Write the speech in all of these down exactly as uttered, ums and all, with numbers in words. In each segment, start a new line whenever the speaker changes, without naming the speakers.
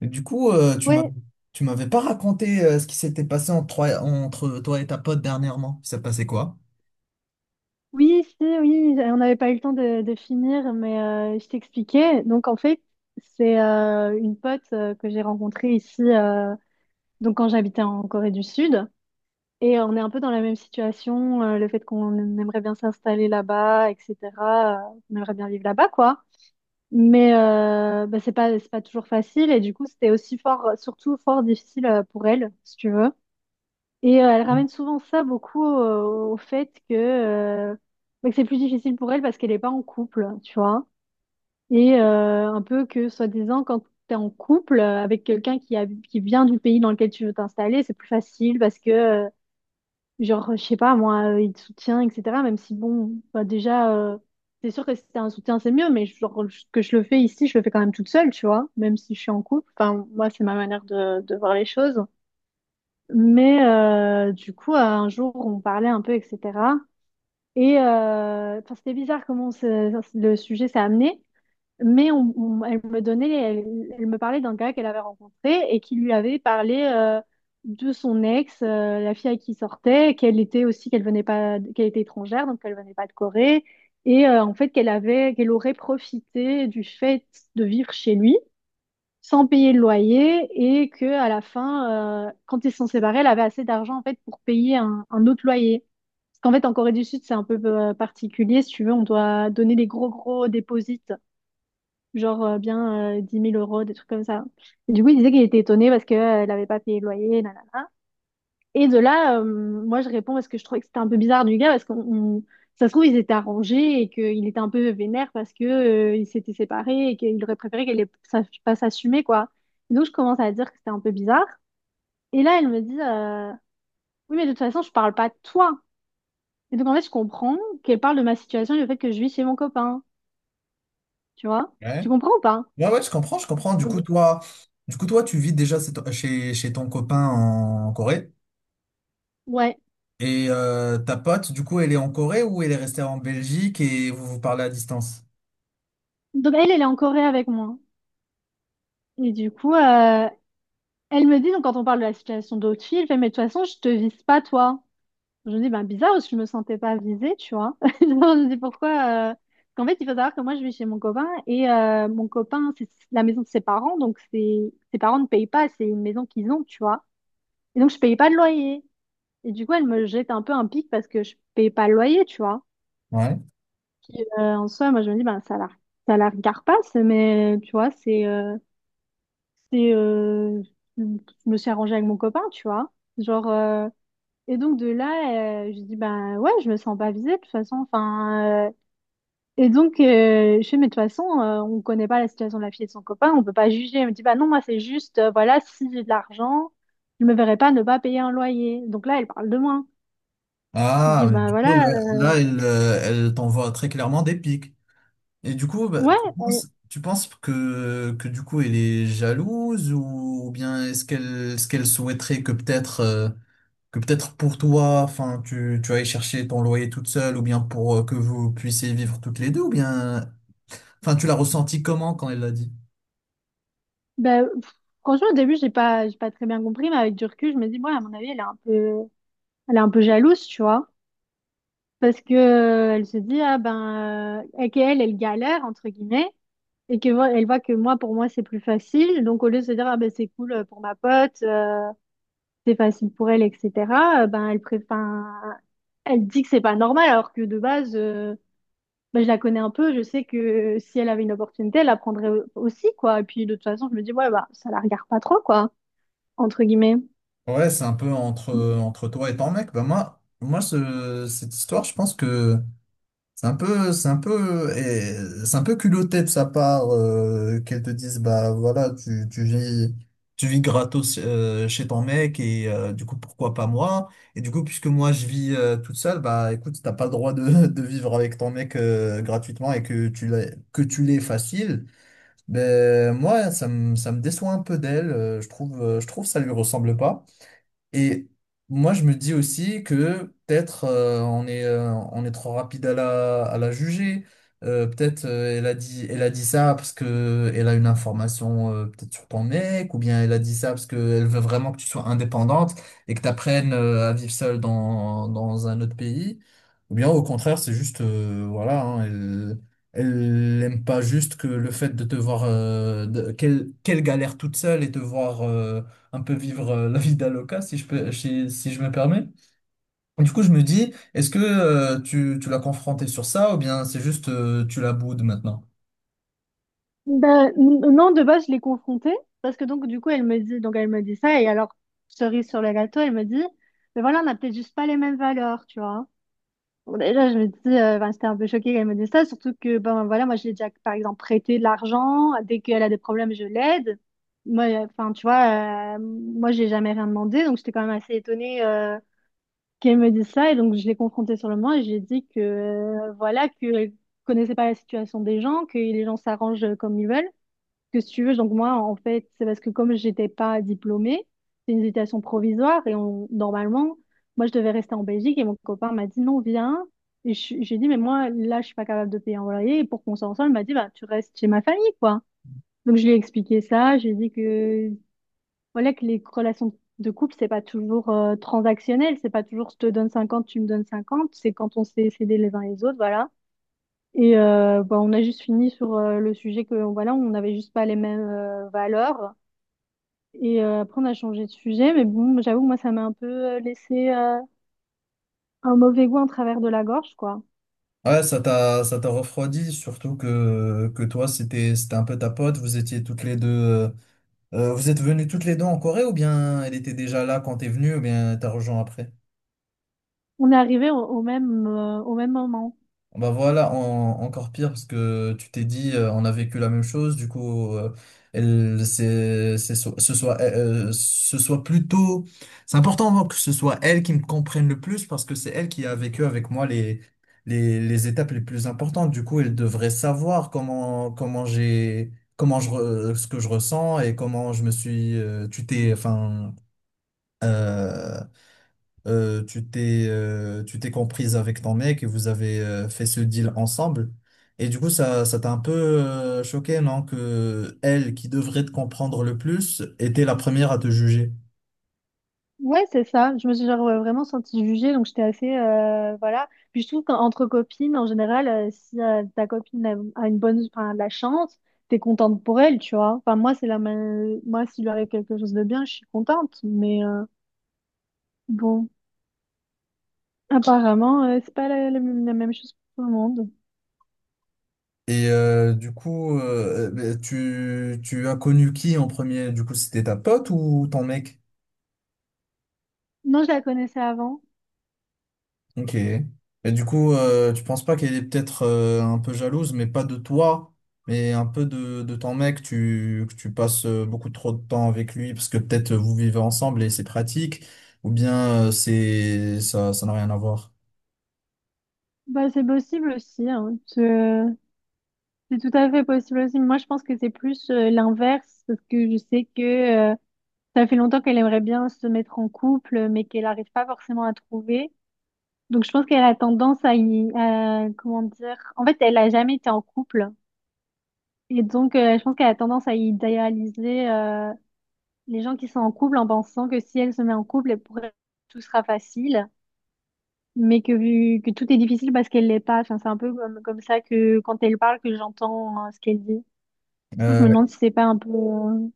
Et du coup, euh, tu m'as,
Ouais,
tu m'avais pas raconté euh, ce qui s'était passé entre, toi- entre toi et ta pote dernièrement. Ça s'est passé quoi?
oui, si, oui, on n'avait pas eu le temps de, de finir, mais euh, je t'expliquais. Donc, en fait, c'est euh, une pote euh, que j'ai rencontrée ici, euh, donc quand j'habitais en Corée du Sud. Et on est un peu dans la même situation, euh, le fait qu'on aimerait bien s'installer là-bas, et cetera euh, on aimerait bien vivre là-bas, quoi. Mais euh, bah, c'est pas, c'est pas toujours facile. Et du coup, c'était aussi fort, surtout fort difficile euh, pour elle, si tu veux. Et euh, elle ramène souvent ça beaucoup au, au fait que, euh, bah, que c'est plus difficile pour elle parce qu'elle n'est pas en couple, tu vois. Et euh, un peu que, soi-disant, quand tu es en couple euh, avec quelqu'un qui, a, qui vient du pays dans lequel tu veux t'installer, c'est plus facile parce que, euh, genre, je sais pas, moi, euh, il te soutient, et cetera. Même si, bon, bah, déjà, euh, c'est sûr que si t'as un soutien, c'est mieux, mais genre, je- que je le fais ici, je le fais quand même toute seule, tu vois, même si je suis en couple. Enfin, moi, c'est ma manière de, de voir les choses. Mais euh, du coup, euh, un jour, on parlait un peu, et cetera. Et euh, enfin, c'était bizarre comment ce- le sujet s'est amené, mais on- on- elle me donnait, elle, elle me parlait d'un gars qu'elle avait rencontré et qui lui avait parlé euh, de son ex, euh, la fille avec qui il sortait, qu'elle était aussi, qu'elle venait pas, qu'elle était étrangère, donc qu'elle venait pas de Corée, et euh, en fait qu'elle avait, qu'elle aurait profité du fait de vivre chez lui sans payer le loyer et que à la fin, euh, quand ils se sont séparés, elle avait assez d'argent en fait pour payer un, un autre loyer. Parce qu'en fait, en Corée du Sud, c'est un peu euh, particulier. Si tu veux, on doit donner des gros gros déposits, genre euh, bien euh, 10 000 euros, des trucs comme ça. Et du coup, il disait qu'il était étonné parce qu'elle n'avait pas payé le loyer, nanana. Et de là, euh, moi, je réponds parce que je trouvais que c'était un peu bizarre du gars, parce qu'on, on- ça se trouve, ils étaient arrangés et qu'il était un peu vénère parce que, euh, ils s'étaient séparés et qu'il aurait préféré qu'elle ait- sache pas s'assumer, quoi. Donc, je commence à dire que c'était un peu bizarre. Et là, elle me dit, euh, oui, mais de toute façon, je parle pas de toi. Et donc, en fait, je comprends qu'elle parle de ma situation, du fait que je vis chez mon copain. Tu vois?
Ouais.
Tu comprends ou pas?
Ouais, ouais, je comprends, je comprends. Du coup,
Donc,
toi, du coup, toi, tu vis déjà chez, chez- chez ton copain en Corée.
ouais.
Et euh, ta pote, du coup, elle est en Corée ou elle est restée en Belgique et vous vous parlez à distance?
Donc, elle, elle est en Corée avec moi. Et du coup, euh, elle me dit, donc, quand on parle de la situation d'autres filles, elle fait, mais de toute façon, je te vise pas, toi. Je me dis, ben bizarre, parce que je me sentais pas visée, tu vois. Je me dis pourquoi. euh, Parce qu'en fait, il faut savoir que moi, je vis chez mon copain et euh, mon copain, c'est la maison de ses parents, donc c'est ses parents ne payent pas, c'est une maison qu'ils ont, tu vois. Et donc, je payais pas de loyer. Et du coup, elle me jette un peu un pic parce que je payais pas le loyer, tu vois.
Ouais.
Euh, en soi, moi, je me dis, ben ça la, ça la regarde pas, c'est- mais tu vois, c'est, euh, c'est, euh, je me suis arrangée avec mon copain, tu vois. Genre. euh, Et donc de là, euh, je dis ben ouais, je me sens pas visée de toute façon. Enfin, euh, et donc euh, je fais mais de toute façon, euh, on connaît pas la situation de la fille et de son copain, on peut pas juger. Elle me dit bah non, moi c'est juste euh, voilà, si j'ai de l'argent, je me verrais pas ne pas payer un loyer. Donc là, elle parle de moi. Je
Ah,
dis
mais
ben
du coup,
voilà,
là,
euh,
là, elle, euh, elle t'envoie très clairement des pics. Et du coup, bah,
ouais,
tu
euh,
penses, tu penses que, que du coup elle est jalouse ou, ou bien est-ce qu'elle ce qu'elle souhaiterait que peut-être euh, que peut-être pour toi, enfin tu, tu ailles chercher ton loyer toute seule, ou bien pour euh, que vous puissiez vivre toutes les deux, ou bien enfin tu l'as ressenti comment quand elle l'a dit?
bah, pff, franchement au début j'ai pas j'ai pas très bien compris, mais avec du recul, je me dis ouais, à mon avis elle est un peu elle est un peu jalouse, tu vois. Parce que, euh, elle se dit, ah ben, euh, et qu'elle, elle galère, entre guillemets, et que, vo- elle voit que moi, pour moi, c'est plus facile. Donc, au lieu de se dire, ah ben, c'est cool euh, pour ma pote, euh, c'est facile pour elle, et cetera, euh, ben, elle préfère, elle dit que c'est pas normal, alors que de base, euh, ben, je la connais un peu, je sais que euh, si elle avait une opportunité, elle la prendrait au- aussi, quoi. Et puis, de toute façon, je me dis, ouais, bah, ça la regarde pas trop, quoi, entre guillemets.
Ouais, c'est un peu entre entre toi et ton mec. Bah moi moi ce- cette histoire, je pense que C'est un peu, c'est un peu, eh, c'est un peu culotté de sa part, euh, qu'elle te dise, bah voilà, tu, tu vis tu vis gratos euh, chez ton mec et euh, du coup pourquoi pas moi, et du coup puisque moi je vis euh, toute seule, bah écoute, t'as pas le droit de, de vivre avec ton mec euh, gratuitement et que tu l'aies que tu l'aies facile. Ben moi, ça me ça me déçoit un peu d'elle, euh, je trouve euh, je trouve, ça lui ressemble pas. Et moi, je me dis aussi que peut-être, euh, on est, euh, on est trop rapide à la, à la juger. Euh, peut-être euh, elle a dit, elle a dit ça parce que elle a une information, euh, peut-être sur ton mec, ou bien elle a dit ça parce qu'elle veut vraiment que tu sois indépendante et que tu apprennes à vivre seule dans, dans un autre pays. Ou bien au contraire, c'est juste, euh, voilà, hein, elle, elle aime pas juste que le fait de te voir, euh, de- qu'elle qu'elle galère toute seule et te voir. euh, un peu vivre euh, la vida loca, si je peux, si, si je me permets. Du coup, je me dis, est-ce que euh, tu, tu l'as confronté sur ça, ou bien c'est juste euh, tu la boudes maintenant?
Ben, n- non, de base, je l'ai confrontée parce que donc, du coup, elle me dit, donc elle me dit ça et alors, cerise sur le gâteau, elle me dit, mais voilà, on n'a peut-être juste pas les mêmes valeurs, tu vois. Bon, déjà, je me dis, euh, ben, j'étais un peu choquée qu'elle me dise ça, surtout que, ben voilà, moi, je l'ai déjà, par exemple, prêté de l'argent, dès qu'elle a des problèmes, je l'aide. Moi, euh, enfin, tu vois, euh, moi, j'ai jamais rien demandé, donc j'étais quand même assez étonnée, euh, qu'elle me dise ça et donc, je l'ai confrontée sur le moment et je lui ai dit que, euh, voilà, que connaissait pas la situation des gens, que les gens s'arrangent comme ils veulent, que si tu veux, donc moi, en fait, c'est parce que comme j'étais pas diplômée, c'est une hésitation provisoire et on, normalement, moi, je devais rester en Belgique et mon copain m'a dit non, viens. Et je- j'ai dit, mais moi, là, je suis pas capable de payer un loyer. Et pour qu'on soit ensemble, il m'a dit, bah, tu restes chez ma famille, quoi. Donc, je lui ai expliqué ça. J'ai dit que, voilà, que les relations de couple, c'est pas toujours euh, transactionnel. C'est pas toujours je te donne cinquante tu me donnes cinquante. C'est quand on sait s'aider les uns les autres, voilà. Et euh, bah, on a juste fini sur euh, le sujet que voilà, on n'avait juste pas les mêmes euh, valeurs. Et euh, après, on a changé de sujet, mais bon, j'avoue, que moi, ça m'a un peu euh, laissé euh, un mauvais goût en travers de la gorge, quoi.
Ouais, ça t'a, ça t'a refroidi, surtout que, que toi, c'était, c'était un peu ta pote, vous étiez toutes les deux, euh, euh, vous êtes venues toutes les deux en Corée, ou bien elle était déjà là quand t'es venu, ou bien t'as rejoint après?
On est arrivé au, au même euh, au même moment.
Bah voilà, en- encore pire, parce que tu t'es dit, euh, on a vécu la même chose. Du coup, euh, elle c'est c'est so- ce soit euh, euh, ce soit plutôt c'est important, hein, que ce soit elle qui me comprenne le plus, parce que c'est elle qui a vécu avec moi les les les étapes les plus importantes. Du coup, elle devrait savoir comment comment j'ai comment je re- ce que je ressens et comment je me suis euh, tu t'es, enfin, euh, euh, tu t'es euh, tu t'es comprise avec ton mec, et vous avez euh, fait ce deal ensemble. Et du coup, ça, ça t'a un peu euh, choqué, non? Que elle, qui devrait te comprendre le plus, était la première à te juger.
Ouais, c'est ça. Je me suis genre euh, vraiment sentie jugée, donc j'étais assez euh, voilà. Puis je trouve qu'entre copines, en général, euh, si euh, ta copine a, a une bonne, enfin, de la chance, t'es contente pour elle, tu vois. Enfin, moi, c'est la ma- moi, s'il lui arrive quelque chose de bien, je suis contente, mais euh, bon. Apparemment, euh, c'est pas la, la même la même chose pour tout le monde.
Et euh, du coup, euh, tu, tu as connu qui en premier? Du coup, c'était ta pote ou ton mec?
Non, je la connaissais avant.
Ok. Et du coup, euh, tu penses pas qu'elle est peut-être, euh, un peu jalouse, mais pas de toi, mais un peu de, de ton mec, tu, que tu passes euh, beaucoup trop de temps avec lui, parce que peut-être euh, vous vivez ensemble et c'est pratique, ou bien euh, c'est ça, ça n'a rien à voir.
Bah, c'est possible aussi, hein. Je- c'est tout à fait possible aussi. Moi, je pense que c'est plus euh, l'inverse parce que je sais que euh, ça fait longtemps qu'elle aimerait bien se mettre en couple, mais qu'elle n'arrive pas forcément à trouver. Donc, je pense qu'elle a tendance à y, à- comment dire. En fait, elle a jamais été en couple et donc euh, je pense qu'elle a tendance à idéaliser euh, les gens qui sont en couple en pensant que si elle se met en couple, elle pourrait tout sera facile. Mais que, vu- que tout est difficile parce qu'elle l'est pas. Enfin, c'est un peu comme, comme ça que quand elle parle, que j'entends euh, ce qu'elle dit. Du coup, je me
Euh,
demande si c'est pas un peu. euh,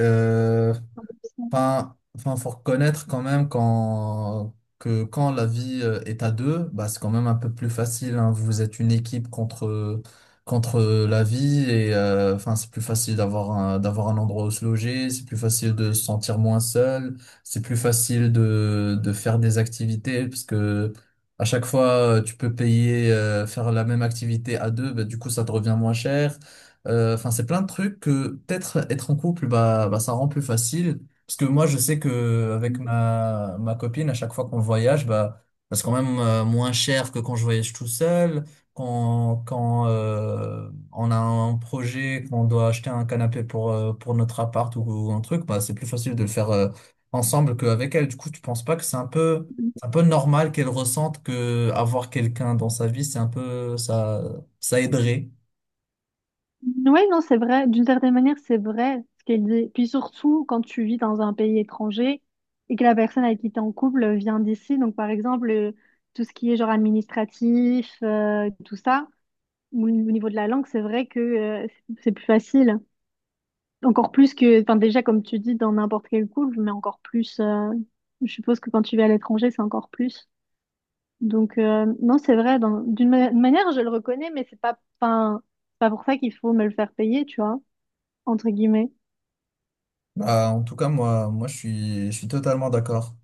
euh,
un peu ça.
Enfin, enfin, faut reconnaître quand même quand, que quand la vie euh, est à deux, bah, c'est quand même un peu plus facile, hein. Vous êtes une équipe contre, contre la vie, et euh, enfin, c'est plus facile d'avoir un, d'avoir un endroit où se loger, c'est plus facile de se sentir moins seul, c'est plus facile de, de faire des activités, parce que à chaque fois, euh, tu peux payer, euh, faire la même activité à deux, bah, du coup, ça te revient moins cher. Euh, Enfin, c'est plein de trucs que peut-être être en couple, bah, bah, ça rend plus facile. Parce que moi, je sais que avec ma, ma copine, à chaque fois qu'on voyage, bah, ça c'est quand même euh, moins cher que quand je voyage tout seul. Quand, quand euh, on a un projet, qu'on doit acheter un canapé pour, euh, pour notre appart ou, ou un truc, bah, c'est plus facile de le faire euh, ensemble qu'avec elle. Du coup, tu penses pas que c'est un peu, c'est un peu normal qu'elle ressente que avoir quelqu'un dans sa vie, c'est un peu, ça, ça aiderait.
Ouais, non, c'est vrai. D'une certaine manière, c'est vrai ce qu'elle dit. Puis surtout, quand tu vis dans un pays étranger et que la personne avec qui t'es en couple vient d'ici, donc par exemple, euh, tout ce qui est genre administratif, euh, tout ça, ou au niveau de la langue, c'est vrai que euh, c'est c'est plus facile. Encore plus que, enfin déjà comme tu dis, dans n'importe quel couple, mais encore plus, euh, je suppose que quand tu vas à l'étranger, c'est encore plus. Donc euh, non, c'est vrai, dans- d'une ma- manière, je le reconnais, mais c'est pas, enfin, c'est pas pour ça qu'il faut me le faire payer, tu vois, entre guillemets.
Bah, en tout cas, moi, moi, je suis, je suis totalement d'accord.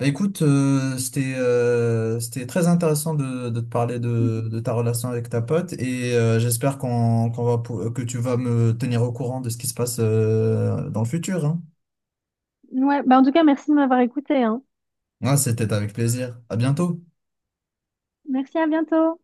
Bah, écoute, euh, c'était, euh, c'était très intéressant de, de te parler de, de ta relation avec ta pote, et euh, j'espère qu'on, qu'on va, pou- que tu vas me tenir au courant de ce qui se passe euh, dans le futur, hein.
Ouais, bah en tout cas, merci de m'avoir écouté, hein.
Ouais, c'était avec plaisir. À bientôt.
Merci, à bientôt.